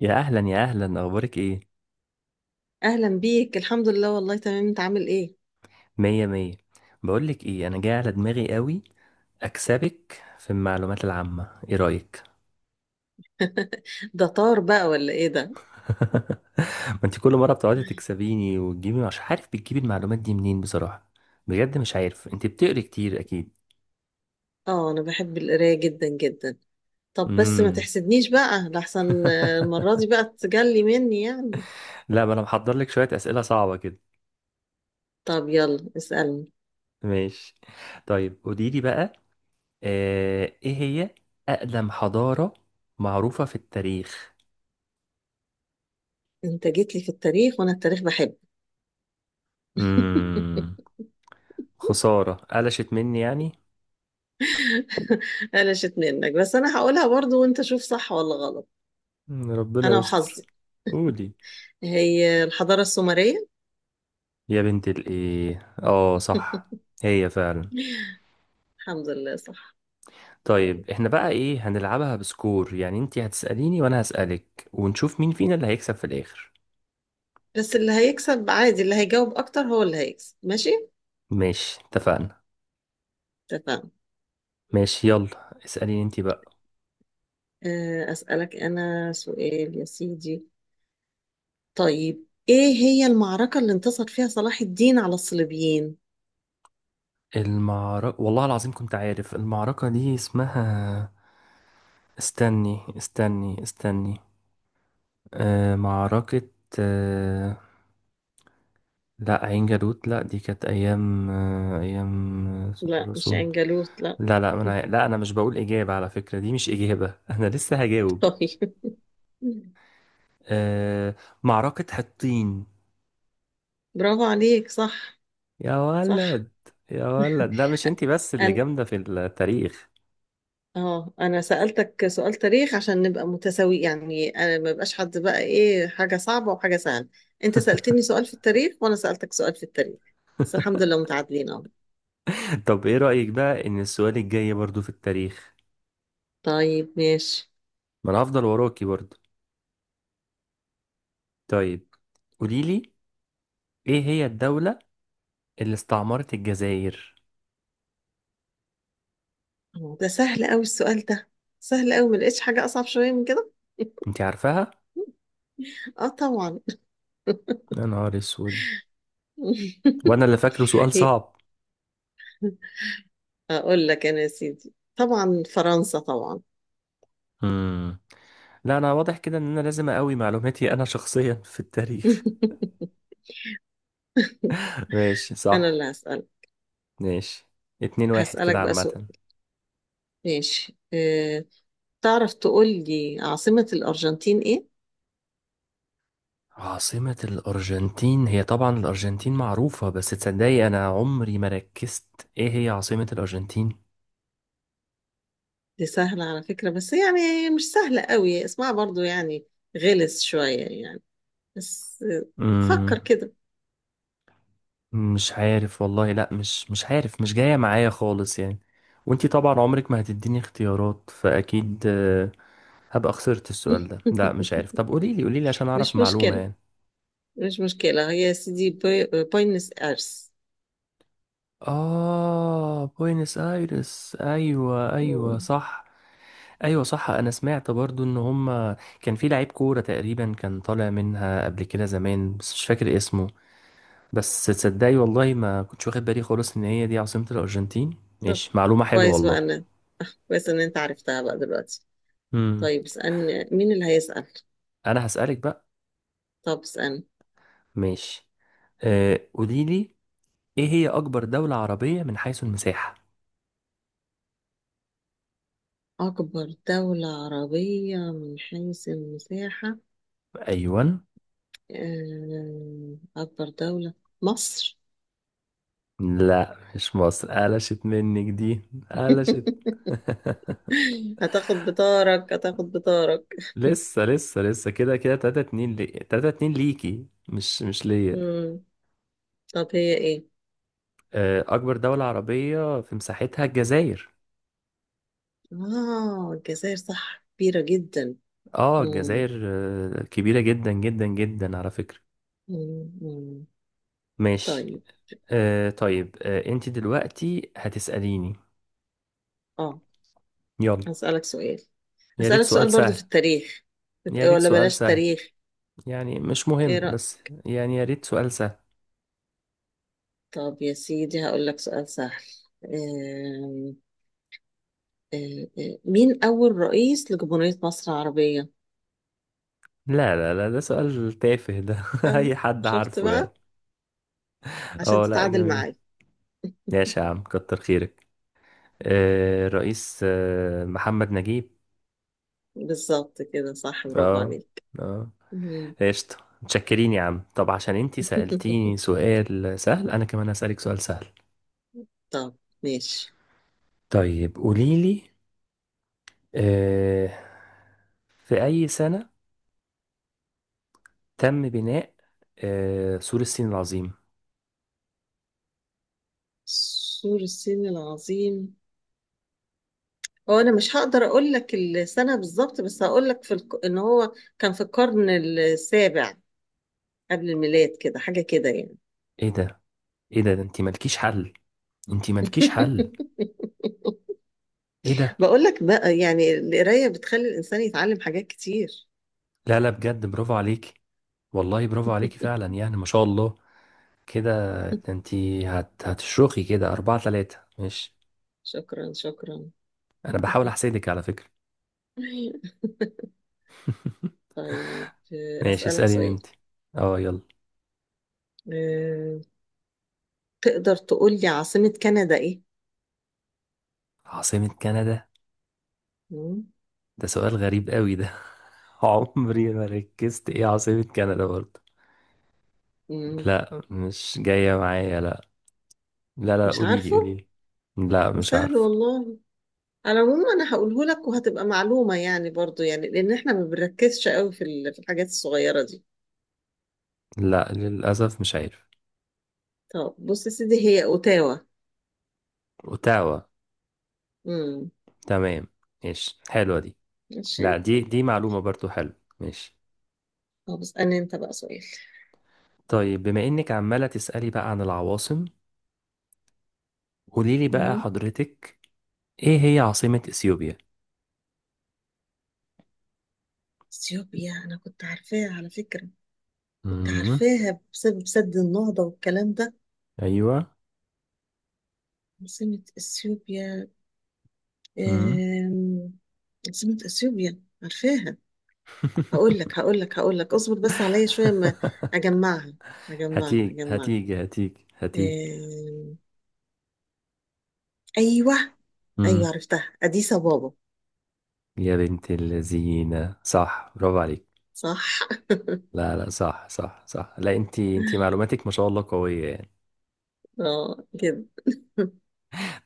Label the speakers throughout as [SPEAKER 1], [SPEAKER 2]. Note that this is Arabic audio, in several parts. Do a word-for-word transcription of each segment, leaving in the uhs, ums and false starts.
[SPEAKER 1] يا اهلا يا اهلا، اخبارك ايه؟
[SPEAKER 2] اهلا بيك، الحمد لله والله تمام، انت عامل ايه؟
[SPEAKER 1] مية مية. بقولك ايه، انا جاي على دماغي قوي اكسبك في المعلومات العامة، ايه رأيك؟
[SPEAKER 2] ده طار بقى ولا ايه ده؟
[SPEAKER 1] ما انت كل مرة بتقعدي تكسبيني وتجيبي، مش عارف بتجيبي المعلومات دي منين بصراحة. بجد مش عارف، انت بتقري كتير اكيد.
[SPEAKER 2] اه انا بحب القرايه جدا جدا. طب بس ما
[SPEAKER 1] امم
[SPEAKER 2] تحسدنيش بقى لحسن، آه، المره دي بقى تجلي مني يعني.
[SPEAKER 1] لا، ما انا محضر لك شوية اسئلة صعبة كده.
[SPEAKER 2] طب يلا اسالني.
[SPEAKER 1] ماشي. طيب قوليلي بقى، آه، ايه هي اقدم حضارة معروفة في التاريخ.
[SPEAKER 2] انت جيت لي في التاريخ وانا التاريخ بحب.
[SPEAKER 1] امم خسارة قلشت مني يعني.
[SPEAKER 2] قلشت منك بس انا هقولها برضو، وانت شوف صح ولا غلط.
[SPEAKER 1] مم، ربنا
[SPEAKER 2] انا
[SPEAKER 1] يستر.
[SPEAKER 2] وحظي.
[SPEAKER 1] قولي.
[SPEAKER 2] هي الحضاره السومريه.
[SPEAKER 1] يا بنت الايه اه صح. هي فعلا.
[SPEAKER 2] الحمد لله صح. طيب،
[SPEAKER 1] طيب احنا بقى ايه هنلعبها بسكور، يعني انتي هتسأليني وانا هسألك ونشوف مين فينا اللي هيكسب في الاخر.
[SPEAKER 2] بس اللي هيكسب عادي اللي هيجاوب اكتر هو اللي هيكسب، ماشي؟
[SPEAKER 1] ماشي اتفقنا.
[SPEAKER 2] اتفقنا.
[SPEAKER 1] ماشي يلا، اسأليني انتي بقى.
[SPEAKER 2] آه، أسألك أنا سؤال يا سيدي. طيب إيه هي المعركة اللي انتصر فيها صلاح الدين على الصليبيين؟
[SPEAKER 1] المعركة والله العظيم كنت عارف المعركة دي اسمها. استني استني استني، آه معركة، آه، لا عين جالوت، لا دي كانت ايام آه، ايام آه،
[SPEAKER 2] لا مش
[SPEAKER 1] الرسول.
[SPEAKER 2] عنجالوت، لا.
[SPEAKER 1] لا لا، انا لا انا مش بقول اجابه، على فكره دي مش اجابه. انا لسه هجاوب.
[SPEAKER 2] طيب،
[SPEAKER 1] أه معركه حطين.
[SPEAKER 2] برافو عليك، صح.
[SPEAKER 1] يا
[SPEAKER 2] صح.
[SPEAKER 1] ولد، يا ولد، لا مش انتي بس اللي
[SPEAKER 2] أنا
[SPEAKER 1] جامده في التاريخ.
[SPEAKER 2] اه أنا سألتك سؤال تاريخ عشان نبقى متساوي يعني، أنا ما بقاش حد بقى إيه حاجة صعبة وحاجة سهلة. أنت سألتني سؤال في التاريخ وأنا سألتك سؤال في التاريخ. بس الحمد لله متعادلين أهو.
[SPEAKER 1] طب ايه رايك بقى ان السؤال الجاي برضو في التاريخ؟
[SPEAKER 2] طيب ماشي.
[SPEAKER 1] ما انا هفضل وراكي برضو. طيب قولي لي، ايه هي الدوله اللي استعمرت الجزائر؟
[SPEAKER 2] أوه، ده سهل قوي السؤال ده. سهل قوي، ما لقيتش حاجة أصعب شوية من كده.
[SPEAKER 1] انتي عارفاها؟
[SPEAKER 2] اه طبعا.
[SPEAKER 1] يا نهار اسود، وانا اللي فاكره سؤال
[SPEAKER 2] هي-
[SPEAKER 1] صعب.
[SPEAKER 2] أقول لك أنا يا سيدي، طبعا فرنسا طبعا.
[SPEAKER 1] مم. لا انا واضح كده ان انا لازم اقوي معلوماتي انا شخصيا في التاريخ. ماشي
[SPEAKER 2] أنا اللي
[SPEAKER 1] صح.
[SPEAKER 2] هسألك.
[SPEAKER 1] ماشي، اتنين واحد كده
[SPEAKER 2] هسألك بقى سؤال.
[SPEAKER 1] عامة.
[SPEAKER 2] ماشي أه. تعرف تقول لي عاصمة الأرجنتين إيه؟
[SPEAKER 1] عاصمة الأرجنتين هي طبعا، الأرجنتين معروفة، بس تصدقي أنا عمري ما ركزت إيه هي عاصمة الأرجنتين؟
[SPEAKER 2] دي سهلة على فكرة، بس يعني هي مش سهلة قوي اسمها برضو يعني، غلس شوية يعني. بس آه،
[SPEAKER 1] مم.
[SPEAKER 2] فكر كده.
[SPEAKER 1] مش عارف والله، لأ مش مش عارف، مش جاية معايا خالص يعني. وانتي طبعا عمرك ما هتديني اختيارات، فأكيد آه، هبقى خسرت السؤال ده. لأ مش عارف، طب قوليلي قوليلي عشان أعرف
[SPEAKER 2] مش
[SPEAKER 1] معلومة
[SPEAKER 2] مشكلة،
[SPEAKER 1] يعني.
[SPEAKER 2] مش مشكلة. هي سيدي بوي... بوينس ايرس.
[SPEAKER 1] آه بوينس آيرس، أيوة أيوة
[SPEAKER 2] مم.
[SPEAKER 1] صح. أيوة صح، أنا سمعت برضو إن هما كان في لعيب كورة تقريبا كان طالع منها قبل كده زمان بس مش فاكر اسمه. بس تصدقي والله ما كنتش واخد بالي خالص إن هي دي عاصمة الأرجنتين.
[SPEAKER 2] طب،
[SPEAKER 1] ماشي معلومة حلوة
[SPEAKER 2] كويس
[SPEAKER 1] والله.
[SPEAKER 2] بقى انا كويس ان انت عرفتها بقى دلوقتي.
[SPEAKER 1] مم.
[SPEAKER 2] طيب اسألني، مين اللي هيسأل؟
[SPEAKER 1] أنا هسألك بقى.
[SPEAKER 2] طب اسألني.
[SPEAKER 1] ماشي، آه قوليلي، إيه هي أكبر دولة عربية من حيث المساحة؟
[SPEAKER 2] أكبر دولة عربية من حيث المساحة،
[SPEAKER 1] أيوة.
[SPEAKER 2] آه، أكبر دولة، مصر.
[SPEAKER 1] لا مش مصر، قلشت منك دي، قلشت.
[SPEAKER 2] هتاخد بطارك، هتاخد بطارك.
[SPEAKER 1] لسه لسه لسه، كده كده تلاتة اتنين لي، تلاتة اتنين ليكي، مش مش ليا.
[SPEAKER 2] مم. طب هي ايه؟
[SPEAKER 1] آه، اكبر دولة عربية في مساحتها الجزائر.
[SPEAKER 2] اه الجزائر، صح، كبيرة جدا.
[SPEAKER 1] اه
[SPEAKER 2] مم.
[SPEAKER 1] الجزائر، آه، كبيرة جدا جدا جدا على فكرة.
[SPEAKER 2] مم. مم.
[SPEAKER 1] ماشي.
[SPEAKER 2] طيب،
[SPEAKER 1] آه، طيب، آه، انت دلوقتي هتسأليني.
[SPEAKER 2] اه
[SPEAKER 1] يلا.
[SPEAKER 2] هسألك سؤال.
[SPEAKER 1] يا ريت
[SPEAKER 2] هسألك
[SPEAKER 1] سؤال
[SPEAKER 2] سؤال برضو
[SPEAKER 1] سهل.
[SPEAKER 2] في التاريخ. بت-
[SPEAKER 1] يا ريت
[SPEAKER 2] ولا
[SPEAKER 1] سؤال
[SPEAKER 2] بلاش
[SPEAKER 1] سهل
[SPEAKER 2] تاريخ،
[SPEAKER 1] يعني، مش
[SPEAKER 2] ايه
[SPEAKER 1] مهم
[SPEAKER 2] رأيك؟
[SPEAKER 1] بس يعني يا ريت سؤال سهل.
[SPEAKER 2] طب يا سيدي هقول لك سؤال سهل. آم، آم، آم، مين أول رئيس لجمهورية مصر العربية؟
[SPEAKER 1] لا لا لا، ده سؤال تافه ده.
[SPEAKER 2] أم،
[SPEAKER 1] اي حد
[SPEAKER 2] شفت
[SPEAKER 1] عارفه يعني.
[SPEAKER 2] بقى؟ عشان
[SPEAKER 1] اه لا
[SPEAKER 2] تتعادل
[SPEAKER 1] جميل،
[SPEAKER 2] معايا.
[SPEAKER 1] ماشي يا عم كتر خيرك. آه، الرئيس آه، محمد نجيب.
[SPEAKER 2] بالظبط كده، صح، برافو
[SPEAKER 1] اه.
[SPEAKER 2] عليك.
[SPEAKER 1] اه.
[SPEAKER 2] مم.
[SPEAKER 1] قشطة. متشكرين يا عم، طب عشان انتي سألتيني سؤال سهل انا كمان هسألك سؤال سهل.
[SPEAKER 2] طب ماشي.
[SPEAKER 1] طيب قوليلي، آه، في أي سنة تم بناء آه، سور الصين العظيم؟
[SPEAKER 2] سور الصين العظيم، هو انا مش هقدر اقول لك السنه بالظبط، بس هقول لك في الك... ان هو كان في القرن السابع قبل الميلاد، كده حاجة كده يعني.
[SPEAKER 1] ايه ده، ايه ده، ده انتي مالكيش حل، انتي مالكيش حل. ايه ده.
[SPEAKER 2] بقول لك بقى يعني القراية بتخلي الإنسان يتعلم حاجات كتير.
[SPEAKER 1] لا لا بجد، برافو عليكي، والله برافو عليكي فعلا يعني ما شاء الله. كده، ده انتي هت... هتشرخي كده أربعة تلاتة ماشي.
[SPEAKER 2] شكرا شكرا.
[SPEAKER 1] انا بحاول احسدك على فكرة.
[SPEAKER 2] طيب آه،
[SPEAKER 1] ماشي،
[SPEAKER 2] أسألك
[SPEAKER 1] اسأليني
[SPEAKER 2] سؤال.
[SPEAKER 1] انت. اه يلا.
[SPEAKER 2] آه، تقدر تقول لي عاصمة كندا إيه؟
[SPEAKER 1] عاصمة كندا؟
[SPEAKER 2] مم،
[SPEAKER 1] ده سؤال غريب قوي ده. عمري ما ركزت ايه عاصمة كندا برضه.
[SPEAKER 2] مم،
[SPEAKER 1] لا مش جاية معايا، لا لا لا،
[SPEAKER 2] مش
[SPEAKER 1] قولي لي
[SPEAKER 2] عارفة.
[SPEAKER 1] قولي لي. لا مش
[SPEAKER 2] سهل
[SPEAKER 1] عارف.
[SPEAKER 2] والله. على العموم أنا هقوله لك وهتبقى معلومة يعني برضو يعني، لأن إحنا ما بنركزش قوي في ال- في الحاجات الصغيرة دي.
[SPEAKER 1] لا للأسف مش عارف.
[SPEAKER 2] طب بص يا سيدي، هي أوتاوا.
[SPEAKER 1] اوتاوا.
[SPEAKER 2] مم،
[SPEAKER 1] تمام، ماشي حلوة دي.
[SPEAKER 2] ماشي.
[SPEAKER 1] لا دي دي معلومة برضه حلوة. ماشي.
[SPEAKER 2] طب اسألني انت بقى سؤال.
[SPEAKER 1] طيب، بما انك عمالة تسألي بقى عن العواصم، قولي لي بقى
[SPEAKER 2] مم.
[SPEAKER 1] حضرتك، ايه هي عاصمة اثيوبيا؟
[SPEAKER 2] اثيوبيا انا كنت عارفاها على فكرة، كنت
[SPEAKER 1] امم
[SPEAKER 2] عارفاها بسبب سد النهضة والكلام ده.
[SPEAKER 1] ايوه.
[SPEAKER 2] عاصمة اثيوبيا،
[SPEAKER 1] مم.
[SPEAKER 2] آم، عاصمة اثيوبيا عارفاها. هقول لك هقول لك هقول لك، اصبر بس عليا شوية ما اجمعها، اجمعها
[SPEAKER 1] هتيجي
[SPEAKER 2] اجمعها.
[SPEAKER 1] هتيجي هتيجي هتيجي.
[SPEAKER 2] آم، ايوه، ايوه
[SPEAKER 1] مم.
[SPEAKER 2] عرفتها، اديس بابا.
[SPEAKER 1] يا بنت اللذينة، صح برافو عليك.
[SPEAKER 2] صح.
[SPEAKER 1] لا لا صح صح صح، لا انت انت معلوماتك ما شاء الله قوية يعني.
[SPEAKER 2] اه كده.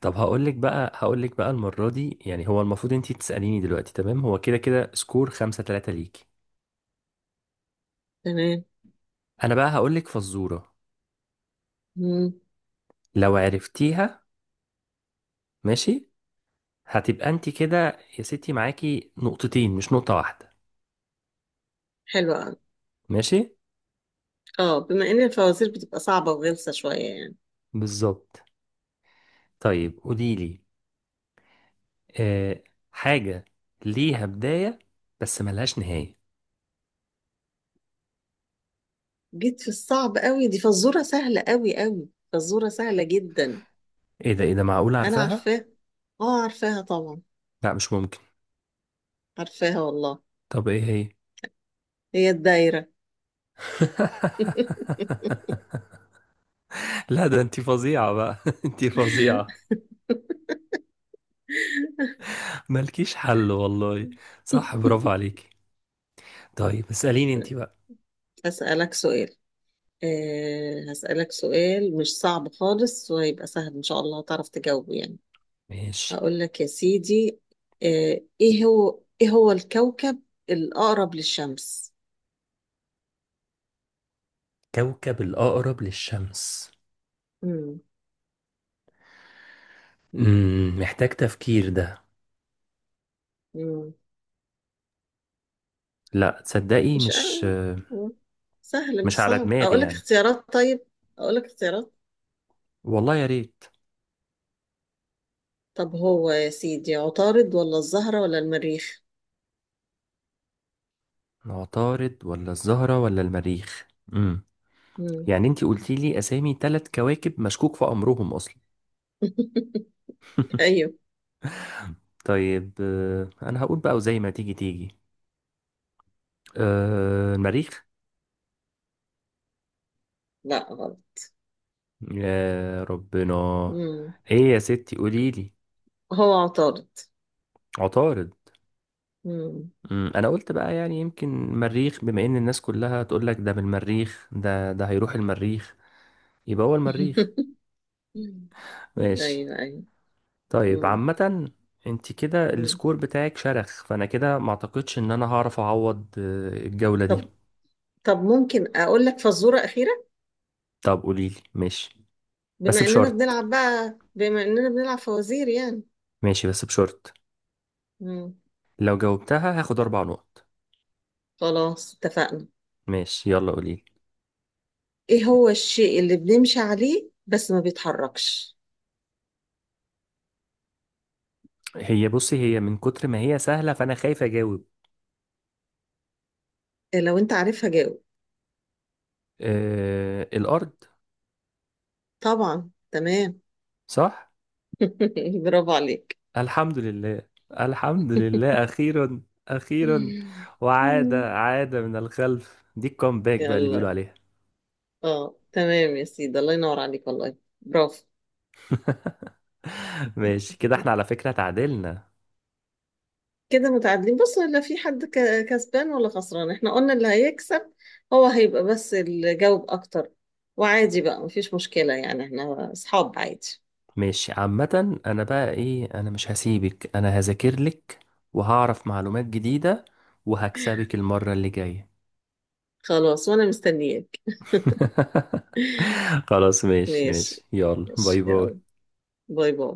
[SPEAKER 1] طب هقول لك بقى، هقول لك بقى، المرة دي يعني هو المفروض انت تسأليني دلوقتي، تمام، هو كده كده سكور خمسة تلاتة ليكي.
[SPEAKER 2] تمام.
[SPEAKER 1] انا بقى هقول لك فزورة،
[SPEAKER 2] مم.
[SPEAKER 1] لو عرفتيها، ماشي، هتبقى انت كده يا ستي معاكي نقطتين مش نقطة واحدة.
[SPEAKER 2] حلوة أوي.
[SPEAKER 1] ماشي.
[SPEAKER 2] اه بما ان الفوازير بتبقى صعبة وغلسة شوية يعني.
[SPEAKER 1] بالظبط. طيب قولي لي، آه، حاجة ليها بداية بس ملهاش نهاية.
[SPEAKER 2] جيت في الصعب قوي، دي فزورة سهلة قوي قوي، فزورة سهلة جدا.
[SPEAKER 1] ايه ده، ايه ده، معقول
[SPEAKER 2] انا
[SPEAKER 1] عارفاها؟
[SPEAKER 2] عارفاها، اه عارفاها طبعا،
[SPEAKER 1] لا مش ممكن.
[SPEAKER 2] عارفاها والله.
[SPEAKER 1] طب ايه هي؟
[SPEAKER 2] هي الدايرة.
[SPEAKER 1] لا ده انتي فظيعة بقى، انتي فظيعة، مالكيش حل والله. صح برافو عليكي. طيب اسأليني انتي بقى.
[SPEAKER 2] هسألك سؤال. أه هسألك سؤال مش صعب خالص، وهيبقى سهل إن شاء الله هتعرف تجاوبه يعني.
[SPEAKER 1] ماشي.
[SPEAKER 2] هقول لك يا سيدي، أه إيه هو إيه هو الكوكب الأقرب للشمس؟
[SPEAKER 1] كوكب الأقرب للشمس؟
[SPEAKER 2] مم.
[SPEAKER 1] امم محتاج تفكير ده.
[SPEAKER 2] مم.
[SPEAKER 1] لا تصدقي
[SPEAKER 2] مش
[SPEAKER 1] مش
[SPEAKER 2] قوي سهل، مش
[SPEAKER 1] مش على
[SPEAKER 2] صعب.
[SPEAKER 1] دماغي
[SPEAKER 2] اقول لك
[SPEAKER 1] يعني.
[SPEAKER 2] اختيارات؟ طيب اقول لك اختيارات.
[SPEAKER 1] والله يا ريت.
[SPEAKER 2] طب هو يا سيدي عطارد ولا الزهرة ولا المريخ؟
[SPEAKER 1] عطارد ولا الزهرة ولا المريخ؟ امم
[SPEAKER 2] مم.
[SPEAKER 1] يعني انتي قلتي لي اسامي ثلاث كواكب مشكوك في امرهم اصلا.
[SPEAKER 2] ايوه.
[SPEAKER 1] طيب، آه، انا هقول بقى وزي ما تيجي تيجي. أه المريخ.
[SPEAKER 2] لا غلط.
[SPEAKER 1] يا ربنا،
[SPEAKER 2] مم.
[SPEAKER 1] ايه يا ستي قولي لي.
[SPEAKER 2] هو عطارد.
[SPEAKER 1] عطارد.
[SPEAKER 2] مم.
[SPEAKER 1] مم، انا قلت بقى يعني يمكن المريخ، بما ان الناس كلها تقول لك ده بالمريخ ده، ده هيروح المريخ، يبقى هو المريخ. ماشي.
[SPEAKER 2] ايوه ايوه.
[SPEAKER 1] طيب
[SPEAKER 2] مم.
[SPEAKER 1] عامة، انت كده
[SPEAKER 2] مم.
[SPEAKER 1] السكور بتاعك شرخ، فانا كده ما اعتقدش ان انا هعرف اعوض آه، الجولة دي.
[SPEAKER 2] طب، طب ممكن اقول لك فزورة أخيرة؟
[SPEAKER 1] طب قولي لي ماشي، بس
[SPEAKER 2] بما اننا
[SPEAKER 1] بشرط،
[SPEAKER 2] بنلعب بقى بما اننا بنلعب فوازير يعني.
[SPEAKER 1] ماشي بس بشرط،
[SPEAKER 2] مم.
[SPEAKER 1] لو جاوبتها هاخد أربع نقط.
[SPEAKER 2] خلاص اتفقنا.
[SPEAKER 1] ماشي يلا قوليلي.
[SPEAKER 2] ايه هو الشيء اللي بنمشي عليه بس ما بيتحركش؟
[SPEAKER 1] هي بصي، هي من كتر ما هي سهلة فأنا خايف أجاوب.
[SPEAKER 2] لو انت عارفها جاوب.
[SPEAKER 1] آه الأرض.
[SPEAKER 2] طبعا تمام.
[SPEAKER 1] صح؟
[SPEAKER 2] برافو عليك.
[SPEAKER 1] الحمد لله، الحمد لله أخيرا، أخيرا. وعادة عادة من الخلف دي الكومباك بقى اللي بيقولوا
[SPEAKER 2] يلا،
[SPEAKER 1] عليها.
[SPEAKER 2] اه تمام يا سيدي، الله ينور عليك والله، برافو.
[SPEAKER 1] ماشي كده احنا على فكرة تعادلنا.
[SPEAKER 2] كده متعادلين، بص لا في حد ك- كسبان ولا خسران، احنا قلنا اللي هيكسب هو هيبقى بس اللي جاوب اكتر، وعادي بقى مفيش مشكلة يعني، احنا اصحاب عادي.
[SPEAKER 1] ماشي عامة، أنا بقى إيه، أنا مش هسيبك، أنا هذاكر لك وهعرف معلومات جديدة وهكسبك المرة اللي جاية.
[SPEAKER 2] خلاص وانا مستنياك.
[SPEAKER 1] خلاص ماشي
[SPEAKER 2] ماشي،
[SPEAKER 1] ماشي يلا،
[SPEAKER 2] ماشي
[SPEAKER 1] باي
[SPEAKER 2] يلا.
[SPEAKER 1] باي.
[SPEAKER 2] باي باي.